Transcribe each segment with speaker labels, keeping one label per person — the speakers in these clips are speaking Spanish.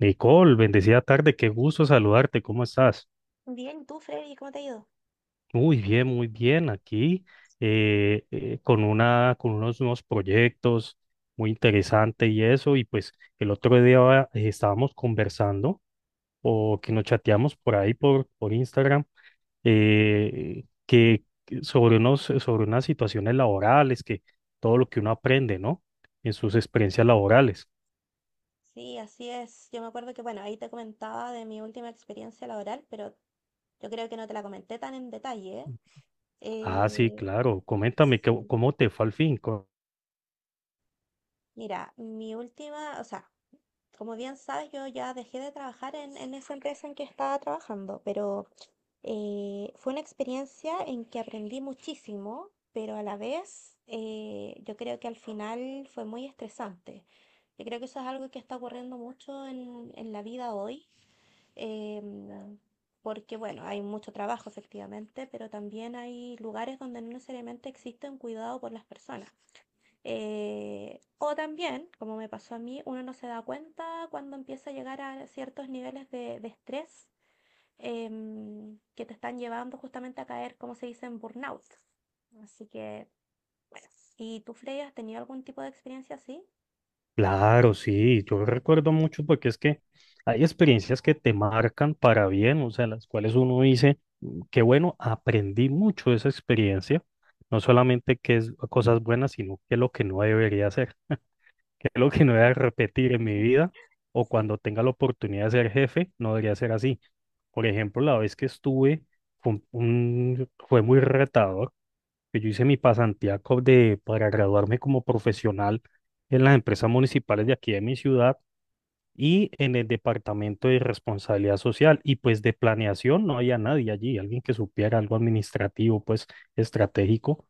Speaker 1: Nicole, bendecida tarde, qué gusto saludarte, ¿cómo estás?
Speaker 2: Bien, ¿y tú, Freddy, cómo te ha ido?
Speaker 1: Muy bien, aquí con una, con unos nuevos proyectos muy interesante. Y eso, y pues el otro día estábamos conversando, o que nos chateamos por ahí por Instagram, que sobre sobre unas situaciones laborales, que todo lo que uno aprende, ¿no? En sus experiencias laborales.
Speaker 2: Sí, así es. Yo me acuerdo que, bueno, ahí te comentaba de mi última experiencia laboral, pero yo creo que no te la comenté tan en detalle, ¿eh?
Speaker 1: Ah, sí,
Speaker 2: Eh,
Speaker 1: claro, coméntame,
Speaker 2: sí.
Speaker 1: ¿cómo te fue al fin?
Speaker 2: Mira, mi última, o sea, como bien sabes, yo ya dejé de trabajar en esa empresa en que estaba trabajando, pero fue una experiencia en que aprendí muchísimo, pero a la vez yo creo que al final fue muy estresante. Yo creo que eso es algo que está ocurriendo mucho en la vida hoy, em, porque bueno, hay mucho trabajo efectivamente, pero también hay lugares donde no necesariamente existe un cuidado por las personas. O también, como me pasó a mí, uno no se da cuenta cuando empieza a llegar a ciertos niveles de estrés que te están llevando justamente a caer, como se dice, en burnout. Así que, bueno, ¿y tú, Freya, has tenido algún tipo de experiencia así?
Speaker 1: Claro, sí, yo recuerdo mucho porque es que hay experiencias que te marcan para bien, o sea, las cuales uno dice, "Mm, qué bueno, aprendí mucho de esa experiencia, no solamente que es cosas buenas, sino que es lo que no debería hacer, que es lo que no debería
Speaker 2: Exacto.
Speaker 1: repetir en mi vida, o
Speaker 2: Sí,
Speaker 1: cuando tenga la oportunidad de ser jefe, no debería ser así. Por ejemplo, la vez que estuve fue, fue muy retador, que yo hice mi pasantía de, para graduarme como profesional en las empresas municipales de aquí de mi ciudad y en el departamento de responsabilidad social. Y pues de planeación no había nadie allí, alguien que supiera algo administrativo, pues estratégico.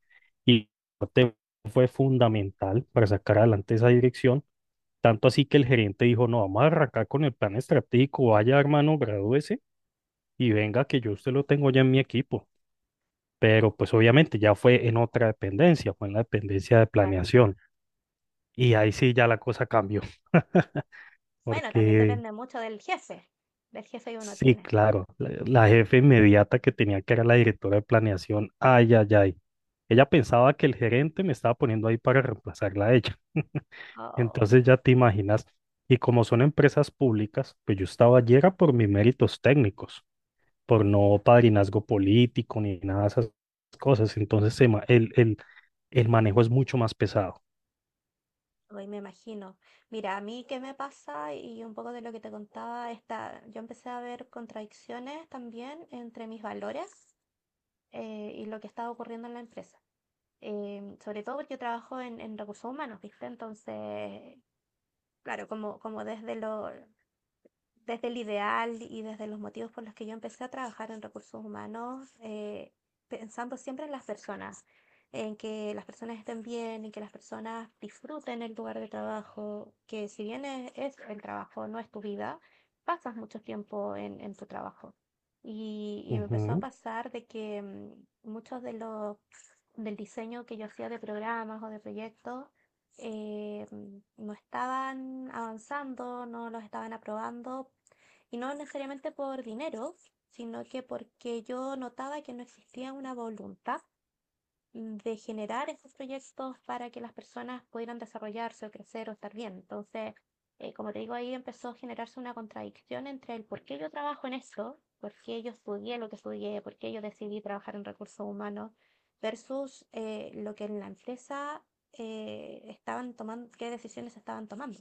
Speaker 1: Y te- fue fundamental para sacar adelante esa dirección. Tanto así que el gerente dijo, no, vamos a arrancar con el plan estratégico, vaya hermano, gradúese y venga que yo usted lo tengo ya en mi equipo, pero pues obviamente ya fue en otra dependencia, fue en la dependencia de
Speaker 2: claro.
Speaker 1: planeación. Y ahí sí ya la cosa cambió,
Speaker 2: Bueno, también
Speaker 1: porque
Speaker 2: depende mucho del jefe que uno
Speaker 1: sí,
Speaker 2: tiene.
Speaker 1: claro, la jefe inmediata que tenía que era la directora de planeación, ay, ay, ay. Ella pensaba que el gerente me estaba poniendo ahí para reemplazarla a ella.
Speaker 2: Oh,
Speaker 1: Entonces ya te imaginas. Y como son empresas públicas, pues yo estaba allí era por mis méritos técnicos, por no padrinazgo político ni nada de esas cosas. Entonces el manejo es mucho más pesado.
Speaker 2: hoy me imagino. Mira, a mí qué me pasa y un poco de lo que te contaba, esta, yo empecé a ver contradicciones también entre mis valores y lo que estaba ocurriendo en la empresa. Sobre todo porque yo trabajo en recursos humanos, ¿viste? Entonces, claro, como desde lo, desde el ideal y desde los motivos por los que yo empecé a trabajar en recursos humanos, pensando siempre en las personas, en que las personas estén bien, en que las personas disfruten el lugar de trabajo, que si bien es el trabajo, no es tu vida, pasas mucho tiempo en tu trabajo. Y me empezó a
Speaker 1: Ujú.
Speaker 2: pasar de que muchos de los del diseño que yo hacía de programas o de proyectos no estaban avanzando, no los estaban aprobando y no necesariamente por dinero, sino que porque yo notaba que no existía una voluntad de generar esos proyectos para que las personas pudieran desarrollarse o crecer o estar bien. Entonces, como te digo, ahí empezó a generarse una contradicción entre el por qué yo trabajo en esto, por qué yo estudié lo que estudié, por qué yo decidí trabajar en recursos humanos, versus lo que en la empresa estaban tomando, qué decisiones estaban tomando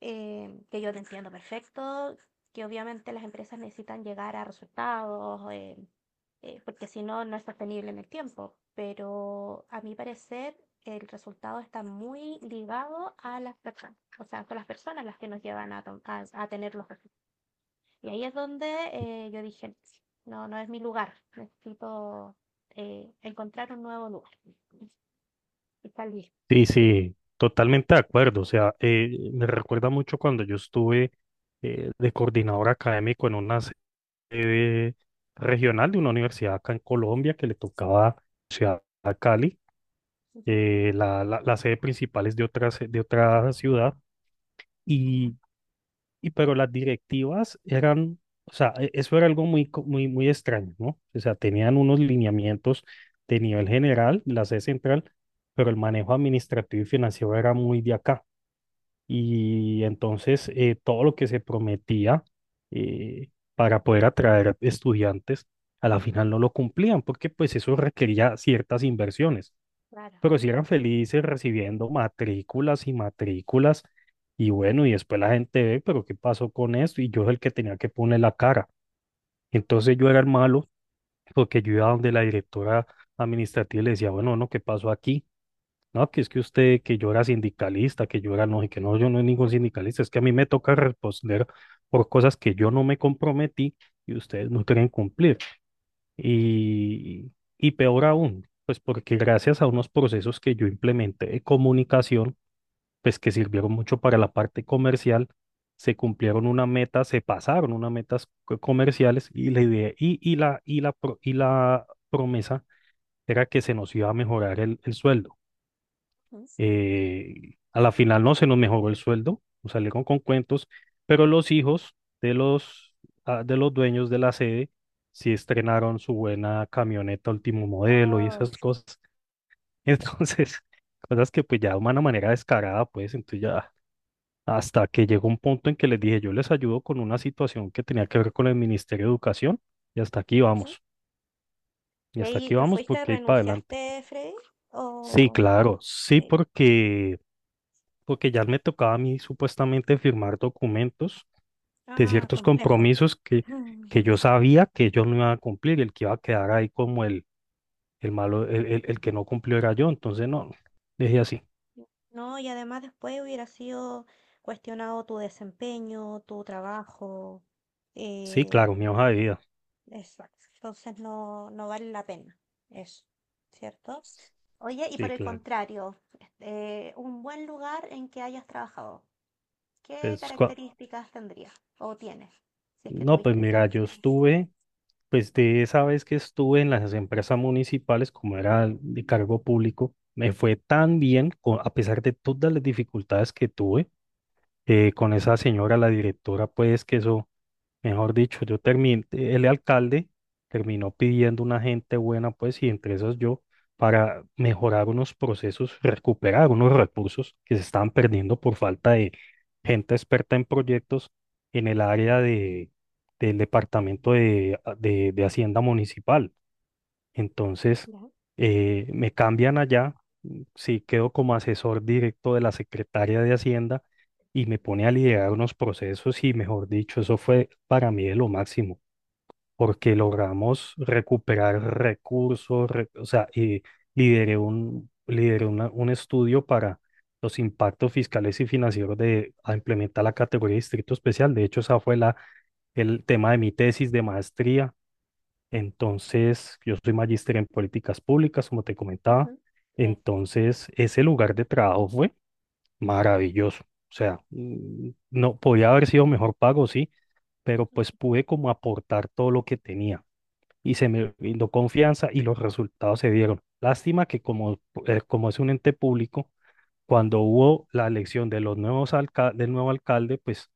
Speaker 2: que yo te entiendo perfecto, que obviamente las empresas necesitan llegar a resultados, porque si no, no es sostenible en el tiempo. Pero a mi parecer, el resultado está muy ligado a las personas. O sea, son las personas las que nos llevan a, a tener los resultados. Y ahí es donde yo dije, no, no es mi lugar, necesito encontrar un nuevo lugar. Y tal vez.
Speaker 1: Sí, sí, totalmente de acuerdo. O sea, me recuerda mucho cuando yo estuve de coordinador académico en una sede regional de una universidad acá en Colombia, que le tocaba ciudad a Cali.
Speaker 2: Ujú.
Speaker 1: La sede principal es de otra, de otra ciudad. Y y pero las directivas eran, o sea, eso era algo muy, muy, muy extraño, ¿no? O sea, tenían unos lineamientos de nivel general, la C central, pero el manejo administrativo y financiero era muy de acá. Y entonces todo lo que se prometía para poder atraer estudiantes, a la final no lo cumplían, porque pues eso requería ciertas inversiones,
Speaker 2: Claro.
Speaker 1: pero sí eran felices recibiendo matrículas y matrículas. Y bueno, y después la gente ve, pero ¿qué pasó con esto? Y yo es el que tenía que poner la cara. Entonces yo era el malo, porque yo iba donde la directora administrativa y le decía, bueno, no, ¿qué pasó aquí? No, que es que usted, que yo era sindicalista, que yo era no, y que no, yo no soy ningún sindicalista, es que a mí me toca responder por cosas que yo no me comprometí y ustedes no quieren cumplir. Y, y peor aún, pues porque gracias a unos procesos que yo implementé de comunicación, pues que sirvieron mucho para la parte comercial, se cumplieron una meta, se pasaron unas metas comerciales, y la idea, y la promesa era que se nos iba a mejorar el sueldo.
Speaker 2: Ujú.
Speaker 1: A la final no se nos mejoró el sueldo, nos salieron con cuentos, pero los hijos de los, ah, de los dueños de la sede sí estrenaron su buena camioneta último modelo y esas cosas. Entonces, cosas que pues ya de una manera descarada, pues entonces ya, hasta que llegó un punto en que les dije, yo les ayudo con una situación que tenía que ver con el Ministerio de Educación, y hasta aquí
Speaker 2: Oh.
Speaker 1: vamos, y hasta
Speaker 2: Leí,
Speaker 1: aquí
Speaker 2: ¿te
Speaker 1: vamos,
Speaker 2: fuiste,
Speaker 1: porque ahí para adelante.
Speaker 2: renunciaste, Freddy?
Speaker 1: Sí,
Speaker 2: O
Speaker 1: claro, sí,
Speaker 2: sí.
Speaker 1: porque ya me tocaba a mí supuestamente firmar documentos de
Speaker 2: Ah,
Speaker 1: ciertos
Speaker 2: complejo.
Speaker 1: compromisos que yo sabía que ellos no iban a cumplir, y el que iba a quedar ahí como el malo, el que no cumplió era yo. Entonces, no, dije así,
Speaker 2: No, y además después hubiera sido cuestionado tu desempeño, tu trabajo.
Speaker 1: sí, claro,
Speaker 2: eh,
Speaker 1: mi hoja de vida.
Speaker 2: exacto. Entonces no, no vale la pena eso, ¿cierto? Oye, y por
Speaker 1: Sí,
Speaker 2: el
Speaker 1: claro.
Speaker 2: contrario, este, un buen lugar en que hayas trabajado, ¿qué
Speaker 1: Pues, cua-
Speaker 2: características tendría o tienes si es que
Speaker 1: no, pues
Speaker 2: tuviste esa
Speaker 1: mira, yo
Speaker 2: experiencia?
Speaker 1: estuve, pues de esa vez que estuve en las empresas municipales, como era de cargo público, me fue tan bien, a pesar de todas las dificultades que tuve con esa señora, la directora, pues que eso. Mejor dicho, yo terminé, el alcalde terminó pidiendo una gente buena, pues, y entre esas yo, para mejorar unos procesos, recuperar unos recursos que se estaban perdiendo por falta de gente experta en proyectos en el área de, del departamento de, de Hacienda Municipal. Entonces, me cambian allá, mm, sí, quedo como asesor directo de la secretaria de Hacienda, y me pone a liderar unos procesos y, mejor dicho, eso fue para mí de lo máximo, porque logramos recuperar recursos, o sea, y lideré un estudio para los impactos fiscales y financieros de a implementar la categoría de distrito especial. De hecho, esa fue el tema de mi tesis de maestría. Entonces, yo soy magíster en políticas públicas, como te comentaba.
Speaker 2: Ujú. Gracias.
Speaker 1: Entonces, ese lugar de trabajo fue maravilloso. O sea, mm, no podía haber sido mejor pago, sí, pero pues pude como aportar todo lo que tenía, y se me brindó confianza y los resultados se dieron. Lástima que como, como es un ente público, cuando hubo la elección de los nuevos del nuevo alcalde, pues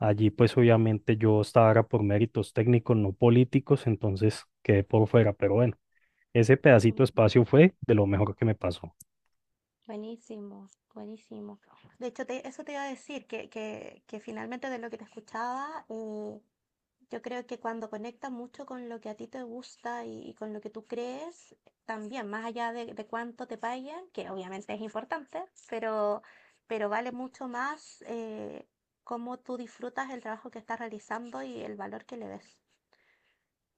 Speaker 1: allí, pues obviamente yo estaba era por méritos técnicos, no políticos, entonces quedé por fuera, pero bueno, ese pedacito de
Speaker 2: Mm.
Speaker 1: espacio fue de lo mejor que me pasó.
Speaker 2: Buenísimo, buenísimo. De hecho, eso te iba a decir, que finalmente de lo que te escuchaba, yo creo que cuando conectas mucho con lo que a ti te gusta y con lo que tú crees, también, más allá de cuánto te paguen, que obviamente es importante, pero, pero vale mucho más cómo tú disfrutas el trabajo que estás realizando y el valor que le ves.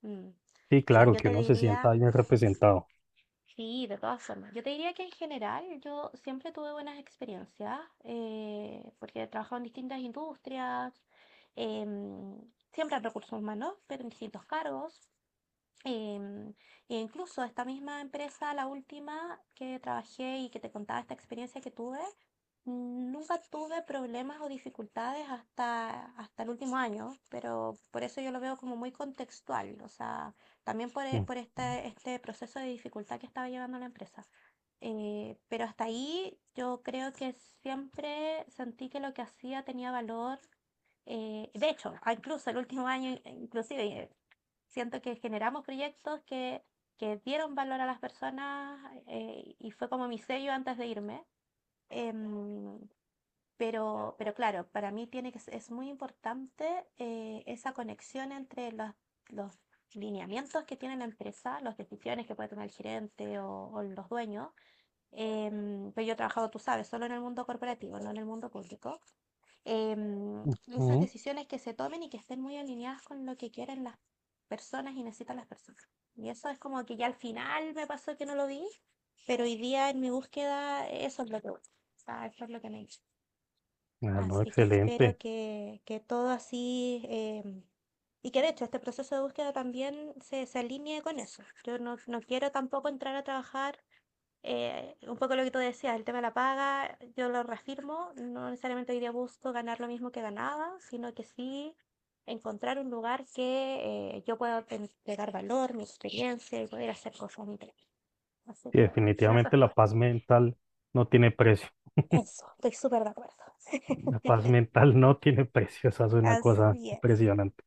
Speaker 2: Mm.
Speaker 1: Sí,
Speaker 2: Mira,
Speaker 1: claro,
Speaker 2: yo
Speaker 1: que
Speaker 2: te
Speaker 1: uno se
Speaker 2: diría...
Speaker 1: sienta bien representado.
Speaker 2: Sí, de todas formas. Yo te diría que en general yo siempre tuve buenas experiencias porque he trabajado en distintas industrias, em, siempre en recursos humanos, pero en distintos cargos. em, E incluso esta misma empresa, la última que trabajé y que te contaba esta experiencia que tuve, mm, nunca tuve problemas o dificultades hasta, hasta el último año, pero por eso yo lo veo como muy contextual, o sea, también
Speaker 1: Mm,
Speaker 2: por este, este proceso de dificultad que estaba llevando la empresa. Pero hasta ahí yo creo que siempre sentí que lo que hacía tenía valor. De hecho, incluso el último año, inclusive, siento que generamos proyectos que dieron valor a las personas y fue como mi sello antes de irme. Em, pero claro, para mí tiene que, es muy importante esa conexión entre los lineamientos que tiene la empresa, las decisiones que puede tomar el gerente o los dueños. Pero yo he trabajado, tú sabes, solo en el mundo corporativo, no en el mundo público. em,
Speaker 1: mm,
Speaker 2: Esas
Speaker 1: mm.
Speaker 2: decisiones que se tomen y que estén muy alineadas con lo que quieren las personas y necesitan las personas. Y eso es como que ya al final me pasó que no lo vi, pero hoy día en mi búsqueda eso es lo que busco. O sea, eso es lo que me he hecho.
Speaker 1: Ah, no,
Speaker 2: Así que espero
Speaker 1: excelente.
Speaker 2: que todo así, y que de hecho este proceso de búsqueda también se alinee con eso. Yo no, no quiero tampoco entrar a trabajar, un poco lo que tú decías, el tema de la paga, yo lo reafirmo, no necesariamente hoy día busco ganar lo mismo que ganaba, sino que sí encontrar un lugar que yo pueda entregar valor, mi experiencia y poder hacer cosas diferentes. Así
Speaker 1: Sí,
Speaker 2: que bueno, en eso
Speaker 1: definitivamente la
Speaker 2: estoy.
Speaker 1: paz mental no tiene precio.
Speaker 2: Eso, estoy súper de acuerdo.
Speaker 1: La paz mental no tiene precio. Esa es una cosa
Speaker 2: Así es.
Speaker 1: impresionante.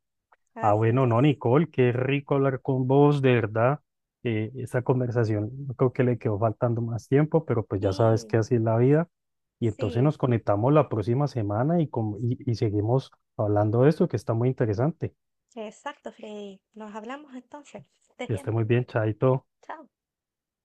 Speaker 1: Ah,
Speaker 2: Así
Speaker 1: bueno, no,
Speaker 2: es.
Speaker 1: Nicole, qué rico hablar con vos, de verdad. Esta conversación, yo creo que le quedó faltando más tiempo, pero pues ya sabes
Speaker 2: Sí,
Speaker 1: que así es la vida. Y entonces
Speaker 2: sí.
Speaker 1: nos conectamos la próxima semana y, y seguimos hablando de esto, que está muy interesante.
Speaker 2: Exacto, Freddy. Nos hablamos entonces. Que estés
Speaker 1: Que esté
Speaker 2: bien.
Speaker 1: muy bien, Chaito.
Speaker 2: Chao.